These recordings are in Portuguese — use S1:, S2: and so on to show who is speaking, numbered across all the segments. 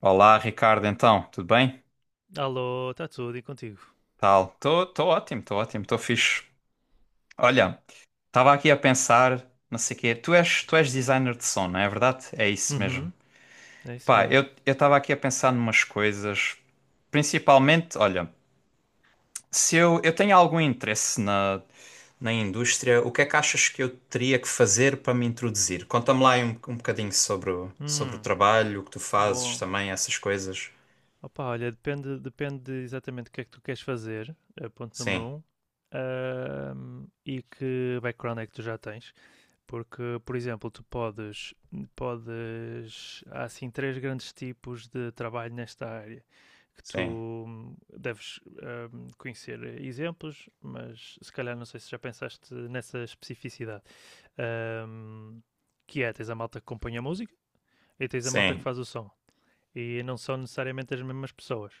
S1: Olá, Ricardo, então, tudo bem?
S2: Alô, está tudo e contigo?
S1: Tal. Estou ótimo, estou fixe. Olha, estava aqui a pensar, não sei o quê. Tu és designer de som, não é verdade? É isso mesmo.
S2: Uhum, é isso
S1: Pá,
S2: mesmo.
S1: eu estava aqui a pensar numas coisas. Principalmente, olha, se eu, eu tenho algum interesse na indústria. O que é que achas que eu teria que fazer para me introduzir? Conta-me lá aí um bocadinho sobre sobre o
S2: Hum,
S1: trabalho, o que tu fazes
S2: Bom.
S1: também, essas coisas.
S2: Opa, olha, depende exatamente o que é que tu queres fazer, é ponto número
S1: Sim,
S2: um, e que background é que tu já tens. Porque, por exemplo, há assim três grandes tipos de trabalho nesta área. Tu
S1: sim,
S2: deves conhecer exemplos, mas se calhar não sei se já pensaste nessa especificidade. Ahm, que é, tens a malta que compõe a música e tens a malta que
S1: sim.
S2: faz o som. E não são necessariamente as mesmas pessoas.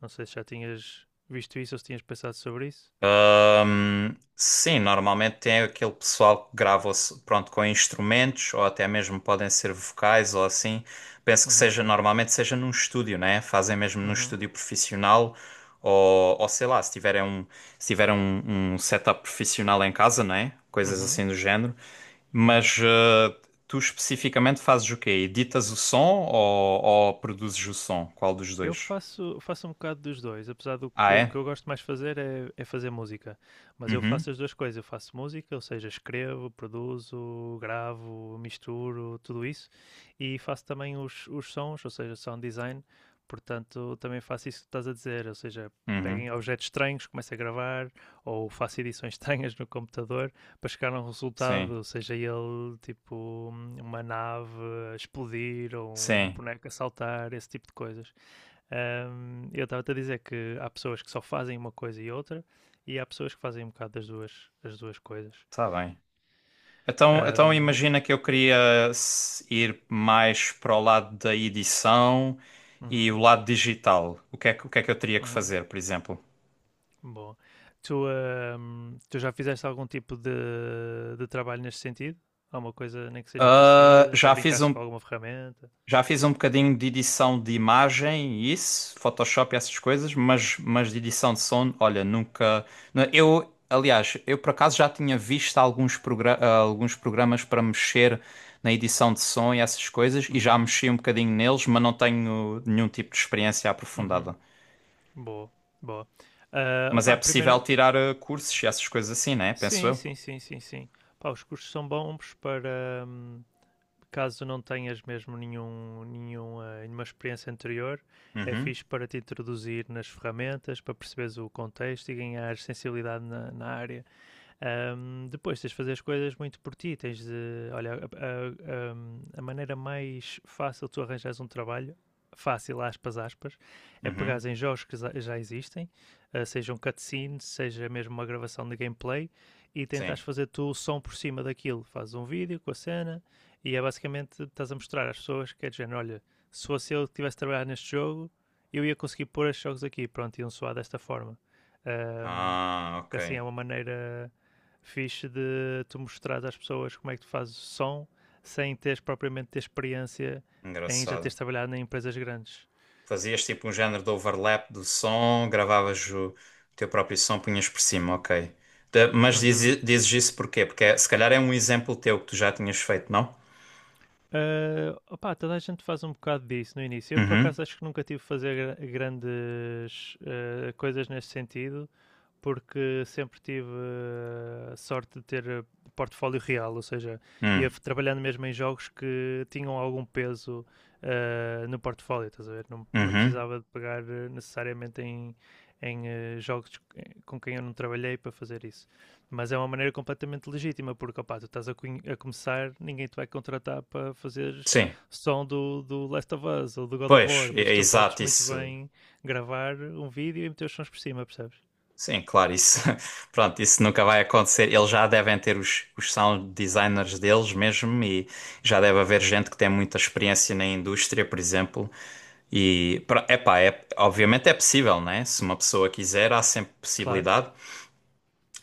S2: Não sei se já tinhas visto isso ou se tinhas pensado sobre isso.
S1: Sim, normalmente tem aquele pessoal que grava pronto, com instrumentos ou até mesmo podem ser vocais ou assim. Penso que
S2: Uhum,
S1: seja num estúdio, né? Fazem mesmo num
S2: uhum,
S1: estúdio profissional ou sei lá, se tiverem um setup profissional em casa, né? Coisas
S2: uhum,
S1: assim do género.
S2: uhum.
S1: Mas tu especificamente fazes o quê? Editas o som ou produzes o som? Qual dos
S2: Eu
S1: dois?
S2: faço um bocado dos dois, apesar do
S1: Ah,
S2: eu, o que
S1: é?
S2: eu gosto mais de fazer é fazer música. Mas eu
S1: Uhum,
S2: faço as duas coisas, eu faço música, ou seja, escrevo, produzo, gravo, misturo, tudo isso. E faço também os sons, ou seja, sound design. Portanto, também faço isso que estás a dizer, ou seja, pego
S1: uhum,
S2: em objetos estranhos, começo a gravar, ou faço edições estranhas no computador para chegar a um
S1: sim,
S2: resultado, seja ele tipo uma nave a explodir ou um
S1: sim.
S2: boneco a saltar, esse tipo de coisas. Eu estava-te a dizer que há pessoas que só fazem uma coisa e outra, e há pessoas que fazem um bocado das duas, as duas coisas.
S1: Está bem. Então
S2: Ahm,
S1: imagina que eu queria ir mais para o lado da edição e
S2: uhum,
S1: o lado digital. O que é que eu teria que
S2: uhum,
S1: fazer, por exemplo?
S2: bom, tu já fizeste algum tipo de trabalho neste sentido? Alguma coisa nem que seja
S1: Ah,
S2: parecida? Já
S1: já fiz
S2: brincaste com
S1: um.
S2: alguma ferramenta?
S1: Já fiz um bocadinho de edição de imagem, e isso, Photoshop e essas coisas, mas de edição de som, olha, nunca. Não, eu, aliás, eu por acaso já tinha visto alguns programas para mexer na edição de som e essas coisas, e já
S2: Uhum.
S1: mexi um bocadinho neles, mas não tenho nenhum tipo de experiência aprofundada.
S2: Uhum. Boa, boa. Ah,
S1: Mas é
S2: opa,
S1: possível
S2: primeira.
S1: tirar cursos e essas coisas assim, né? Penso
S2: Sim,
S1: eu.
S2: sim, sim, sim, sim. Pá, os cursos são bons para caso não tenhas mesmo nenhum, nenhuma experiência anterior. É
S1: Uhum,
S2: fixe para te introduzir nas ferramentas, para perceberes o contexto e ganhar sensibilidade na área. Depois tens de fazer as coisas muito por ti. Tens de. Olha, maneira mais fácil de tu arranjares um trabalho, fácil, aspas, aspas, é
S1: uhum,
S2: pegares em jogos que existem, uh, seja um seja mesmo uma gravação de gameplay, e
S1: sim.
S2: tentares fazer tu o som por cima daquilo. Fazes um vídeo com a cena e é basicamente estás a mostrar às pessoas que é de género, olha, se fosse eu que tivesse trabalhado neste jogo, eu ia conseguir pôr estes jogos aqui, pronto, iam soar desta forma. Um,
S1: Ah,
S2: que
S1: ok.
S2: assim é uma maneira fixe de tu mostrar às pessoas como é que tu fazes o som sem teres propriamente ter experiência em já teres
S1: Engraçado.
S2: trabalhado em empresas grandes.
S1: Fazias tipo um género de overlap do som, gravavas o teu próprio som, punhas por cima, ok. Mas
S2: Uhum.
S1: dizes isso porquê? Se calhar é um exemplo teu que tu já tinhas feito, não?
S2: Ah, opá, toda a gente faz um bocado disso no início. Eu, por
S1: Uhum,
S2: acaso, acho que nunca tive a fazer grandes coisas nesse sentido, porque sempre tive a sorte de ter portfólio real, ou seja, ia
S1: hum,
S2: trabalhando mesmo em jogos que tinham algum peso no portfólio, estás a ver? Não, não
S1: uhum,
S2: precisava de pagar necessariamente em jogos com quem eu não trabalhei para fazer isso. Mas é uma maneira completamente legítima, porque opá, tu estás a começar, ninguém te vai contratar para fazeres
S1: sim.
S2: som do Last of Us ou do God of
S1: Pois,
S2: War,
S1: é,
S2: mas
S1: é
S2: tu podes
S1: exato
S2: muito
S1: isso.
S2: bem gravar um vídeo e meter os sons por cima, percebes?
S1: Sim, claro, isso, pronto, isso nunca vai acontecer. Eles já devem ter os sound designers deles mesmo e já deve haver gente que tem muita experiência na indústria, por exemplo. Epá, é, obviamente é possível, né? Se uma pessoa quiser, há sempre
S2: Claro.
S1: possibilidade.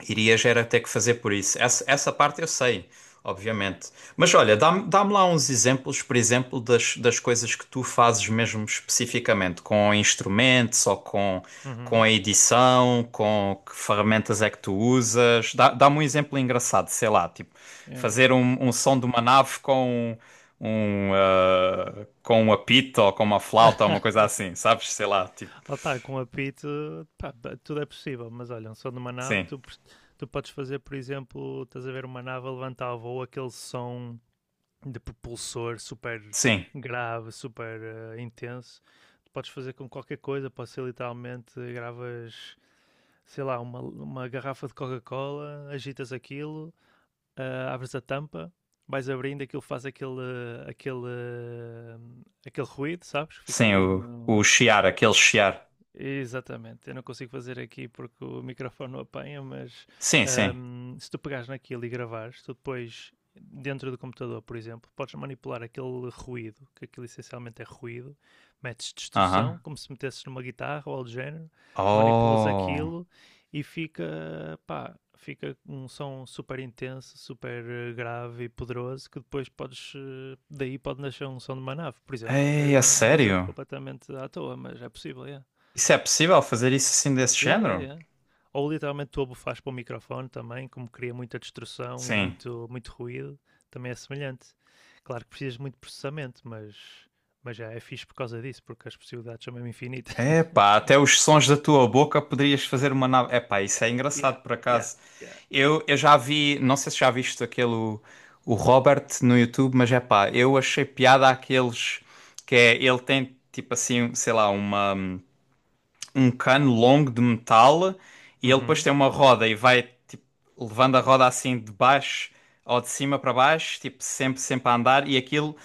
S1: Irias era ter que fazer por isso. Essa parte eu sei, obviamente. Mas olha, dá-me lá uns exemplos, por exemplo, das coisas que tu fazes mesmo especificamente, com instrumentos ou com
S2: Uhum.
S1: a edição, com que ferramentas é que tu usas. Dá-me um exemplo engraçado, sei lá, tipo,
S2: Yeah.
S1: fazer um som de uma nave com com um apito ou com uma flauta ou uma coisa assim, sabes? Sei lá, tipo,
S2: Opa, com apito, pá, pá, tudo é possível, mas olha, um som de uma nave,
S1: sim,
S2: tu podes fazer, por exemplo, estás a ver uma nave a levantar a voo, aquele som de propulsor super
S1: sim,
S2: grave, super intenso, tu podes fazer com qualquer coisa, pode ser literalmente, gravas, sei lá, uma garrafa de Coca-Cola, agitas aquilo, abres a tampa, vais abrindo, aquilo faz aquele, eh, aquele ruído, sabes? Fica
S1: sim,
S2: ali
S1: o
S2: no.
S1: chiar, aquele chiar.
S2: Exatamente, eu não consigo fazer aqui porque o microfone não apanha, mas
S1: Sim, sim.
S2: se tu pegares naquilo e gravares, tu depois, dentro do computador, por exemplo, podes manipular aquele ruído, que aquilo essencialmente é ruído, metes distorção,
S1: Aham.
S2: como se metesses numa guitarra ou algo do género, manipulas
S1: Oh.
S2: aquilo e fica, pá, fica um som super intenso, super grave e poderoso, que depois podes, daí pode nascer um som de uma nave, por exemplo. É
S1: Ei, é
S2: um exemplo
S1: sério?
S2: completamente à toa, mas é possível, é.
S1: Isso é possível fazer isso assim desse
S2: Yeah, yeah,
S1: género?
S2: yeah. Ou literalmente tu abufas para o microfone também, como cria muita destrução e
S1: Sim.
S2: muito, muito ruído, também é semelhante. Claro que precisas de muito processamento, mas já é fixe por causa disso, porque as possibilidades são mesmo infinitas.
S1: Epá, até os sons da tua boca poderias fazer uma nave. Epá, isso é
S2: Yeah,
S1: engraçado por
S2: yeah,
S1: acaso.
S2: yeah.
S1: Eu já vi, não sei se já viste aquele o Robert no YouTube, mas epá, eu achei piada àqueles que é ele tem tipo assim, sei lá, uma um cano longo de metal e ele depois
S2: Uhum,
S1: tem uma roda e vai tipo, levando a roda assim de baixo ou de cima para baixo, tipo sempre, sempre a andar e aquilo,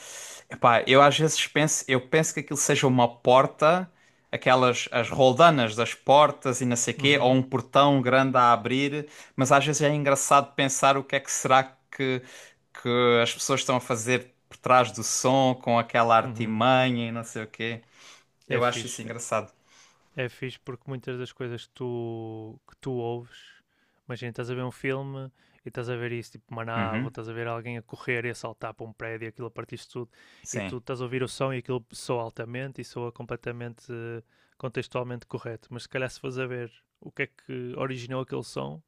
S1: epá, eu às vezes penso, eu penso que aquilo seja uma porta, aquelas as roldanas das portas e não sei quê, ou
S2: uhum,
S1: um portão grande a abrir, mas às vezes é engraçado pensar o que é que será que que as pessoas estão a fazer por trás do som com aquela
S2: uhum.
S1: artimanha e não sei o quê.
S2: É
S1: Eu acho isso
S2: fixe.
S1: engraçado.
S2: É fixe porque muitas das coisas que tu ouves, imagina, estás a ver um filme e estás a ver isso, tipo Maná, ou
S1: Uhum,
S2: estás a ver alguém a correr e a saltar para um prédio, aquilo a partir de tudo, e
S1: sim.
S2: tu estás a ouvir o som e aquilo soa altamente e soa completamente contextualmente correto. Mas se calhar se fores a ver o que é que originou aquele som,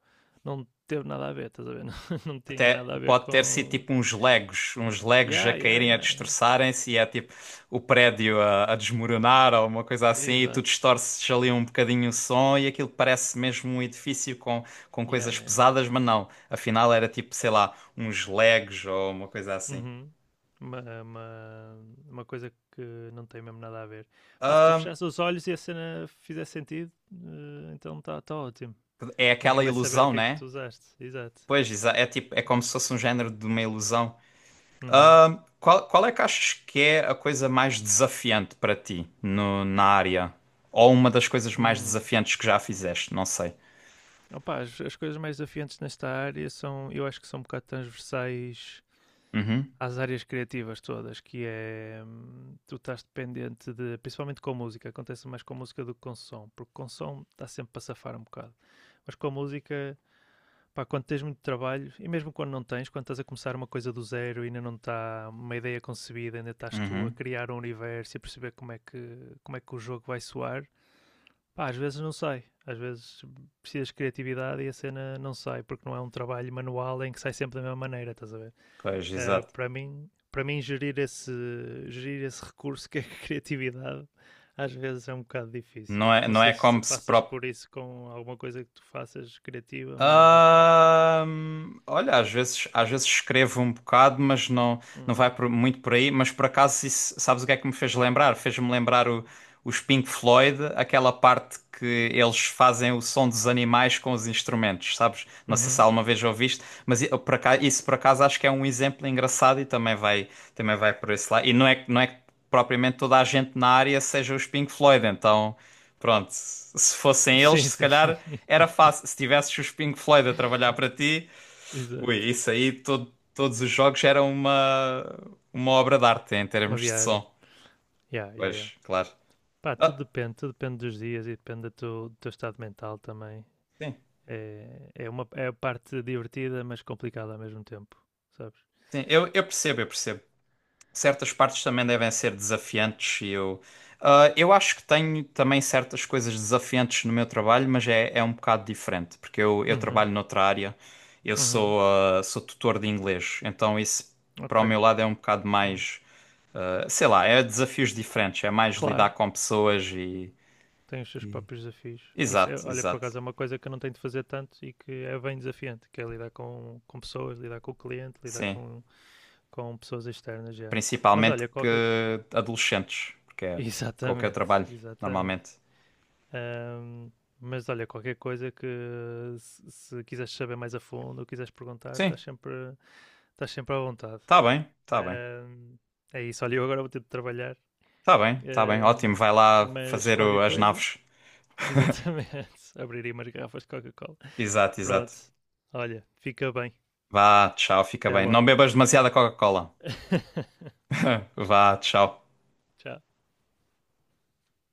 S2: não teve nada a ver, estás a ver? Não, não tinha
S1: Até
S2: nada a ver
S1: pode ter sido
S2: com.
S1: tipo uns legos a
S2: Yeah, yeah,
S1: caírem, a
S2: yeah, yeah.
S1: destroçarem-se e é tipo o prédio a desmoronar ou uma coisa assim, e tu
S2: Exato.
S1: distorces ali um bocadinho o som e aquilo parece mesmo um edifício com
S2: Yeah,
S1: coisas
S2: yeah, yeah.
S1: pesadas, mas não. Afinal era tipo, sei lá, uns legos ou uma coisa assim.
S2: Uhum. Uma, uma, uma coisa que não tem mesmo nada a ver. Pá, se tu
S1: Ahm,
S2: fechares os olhos e a cena fizer sentido, então está tá ótimo.
S1: É
S2: Ninguém
S1: aquela
S2: vai saber o
S1: ilusão,
S2: que é que
S1: né?
S2: tu usaste. Exato.
S1: É tipo, é como se fosse um género de uma ilusão.
S2: Uhum.
S1: Qual é que achas que é a coisa mais desafiante para ti na área? Ou uma das coisas mais
S2: Hum.
S1: desafiantes que já fizeste? Não sei.
S2: Opa, as coisas mais desafiantes nesta área são, eu acho que são um bocado transversais
S1: Uhum,
S2: às áreas criativas todas, que é tu estás dependente de, principalmente com a música, acontece mais com a música do que com o som, porque com o som está sempre para safar um bocado, mas com a música. Pá, quando tens muito trabalho, e mesmo quando não tens, quando estás a começar uma coisa do zero e ainda não está uma ideia concebida, ainda estás tu a
S1: uhum.
S2: criar um universo e a perceber como é que o jogo vai soar, pá, às vezes não sai. Às vezes precisas de criatividade e a cena não sai, porque não é um trabalho manual em que sai sempre da mesma maneira, estás a ver?
S1: Pois, exato.
S2: Para mim, gerir esse recurso que é a criatividade às vezes é um bocado difícil.
S1: Não é,
S2: Não
S1: não
S2: sei
S1: é
S2: se
S1: como se
S2: passas
S1: pró-
S2: por isso com alguma coisa que tu faças criativa, mas opa.
S1: Olha, às vezes escrevo um bocado, não vai
S2: Hum.
S1: muito por aí. Mas por acaso, isso, sabes o que é que me fez lembrar? Fez-me lembrar os Pink Floyd, aquela parte que eles fazem o som dos animais com os instrumentos, sabes? Não sei se
S2: Uhum.
S1: alguma vez ouviste, mas eu, por acaso, isso por acaso acho que é um exemplo engraçado e também vai por esse lado. E não é, não é que propriamente toda a gente na área seja os Pink Floyd, então. Pronto, se fossem eles,
S2: Sim,
S1: se
S2: sim, sim.
S1: calhar era fácil. Se tivesses os Pink Floyd a trabalhar para ti, ui,
S2: Exato.
S1: isso aí, todos os jogos eram uma obra de arte em
S2: Uma
S1: termos de
S2: viagem.
S1: som.
S2: Yeah, yeah, yeah.
S1: Pois, claro.
S2: Pá,
S1: Ah,
S2: tudo depende dos dias e depende do teu estado mental também.
S1: sim,
S2: É a parte divertida, mas complicada ao mesmo tempo, sabes?
S1: sim, eu percebo, eu percebo. Certas partes também devem ser desafiantes e eu acho que tenho também certas coisas desafiantes no meu trabalho, mas é, é um bocado diferente, porque eu
S2: Uhum,
S1: trabalho noutra área,
S2: uhum,
S1: sou tutor de inglês, então isso para
S2: ok,
S1: o meu lado é um bocado
S2: bom.
S1: mais. Sei lá, é desafios diferentes, é mais lidar
S2: Claro,
S1: com pessoas e.
S2: tem os seus próprios desafios. Isso é,
S1: Exato,
S2: olha, por
S1: exato.
S2: acaso é uma coisa que eu não tenho de fazer tanto e que é bem desafiante, que é lidar com pessoas, lidar com o cliente, lidar
S1: Sim.
S2: com pessoas externas já. Mas
S1: Principalmente
S2: olha, qualquer.
S1: que adolescentes, porque é com o que eu
S2: Exatamente,
S1: trabalho
S2: exatamente.
S1: normalmente.
S2: Ahm, mas olha, qualquer coisa que se quiseres saber mais a fundo ou quiseres perguntar,
S1: Sim,
S2: estás sempre à vontade.
S1: tá bem, tá bem.
S2: Ahm, É isso, olha, eu agora vou ter de trabalhar,
S1: Tá bem, tá bem. Ótimo,
S2: ahm,
S1: vai lá
S2: mas
S1: fazer
S2: qualquer
S1: as
S2: coisa,
S1: naves.
S2: exatamente, abriria umas garrafas de Coca-Cola.
S1: Exato,
S2: Pronto,
S1: exato.
S2: olha, fica bem.
S1: Vá, tchau, fica
S2: Até
S1: bem. Não
S2: logo.
S1: bebas
S2: Tchau,
S1: demasiada
S2: tchau.
S1: Coca-Cola. Vá, tchau.
S2: Tchau.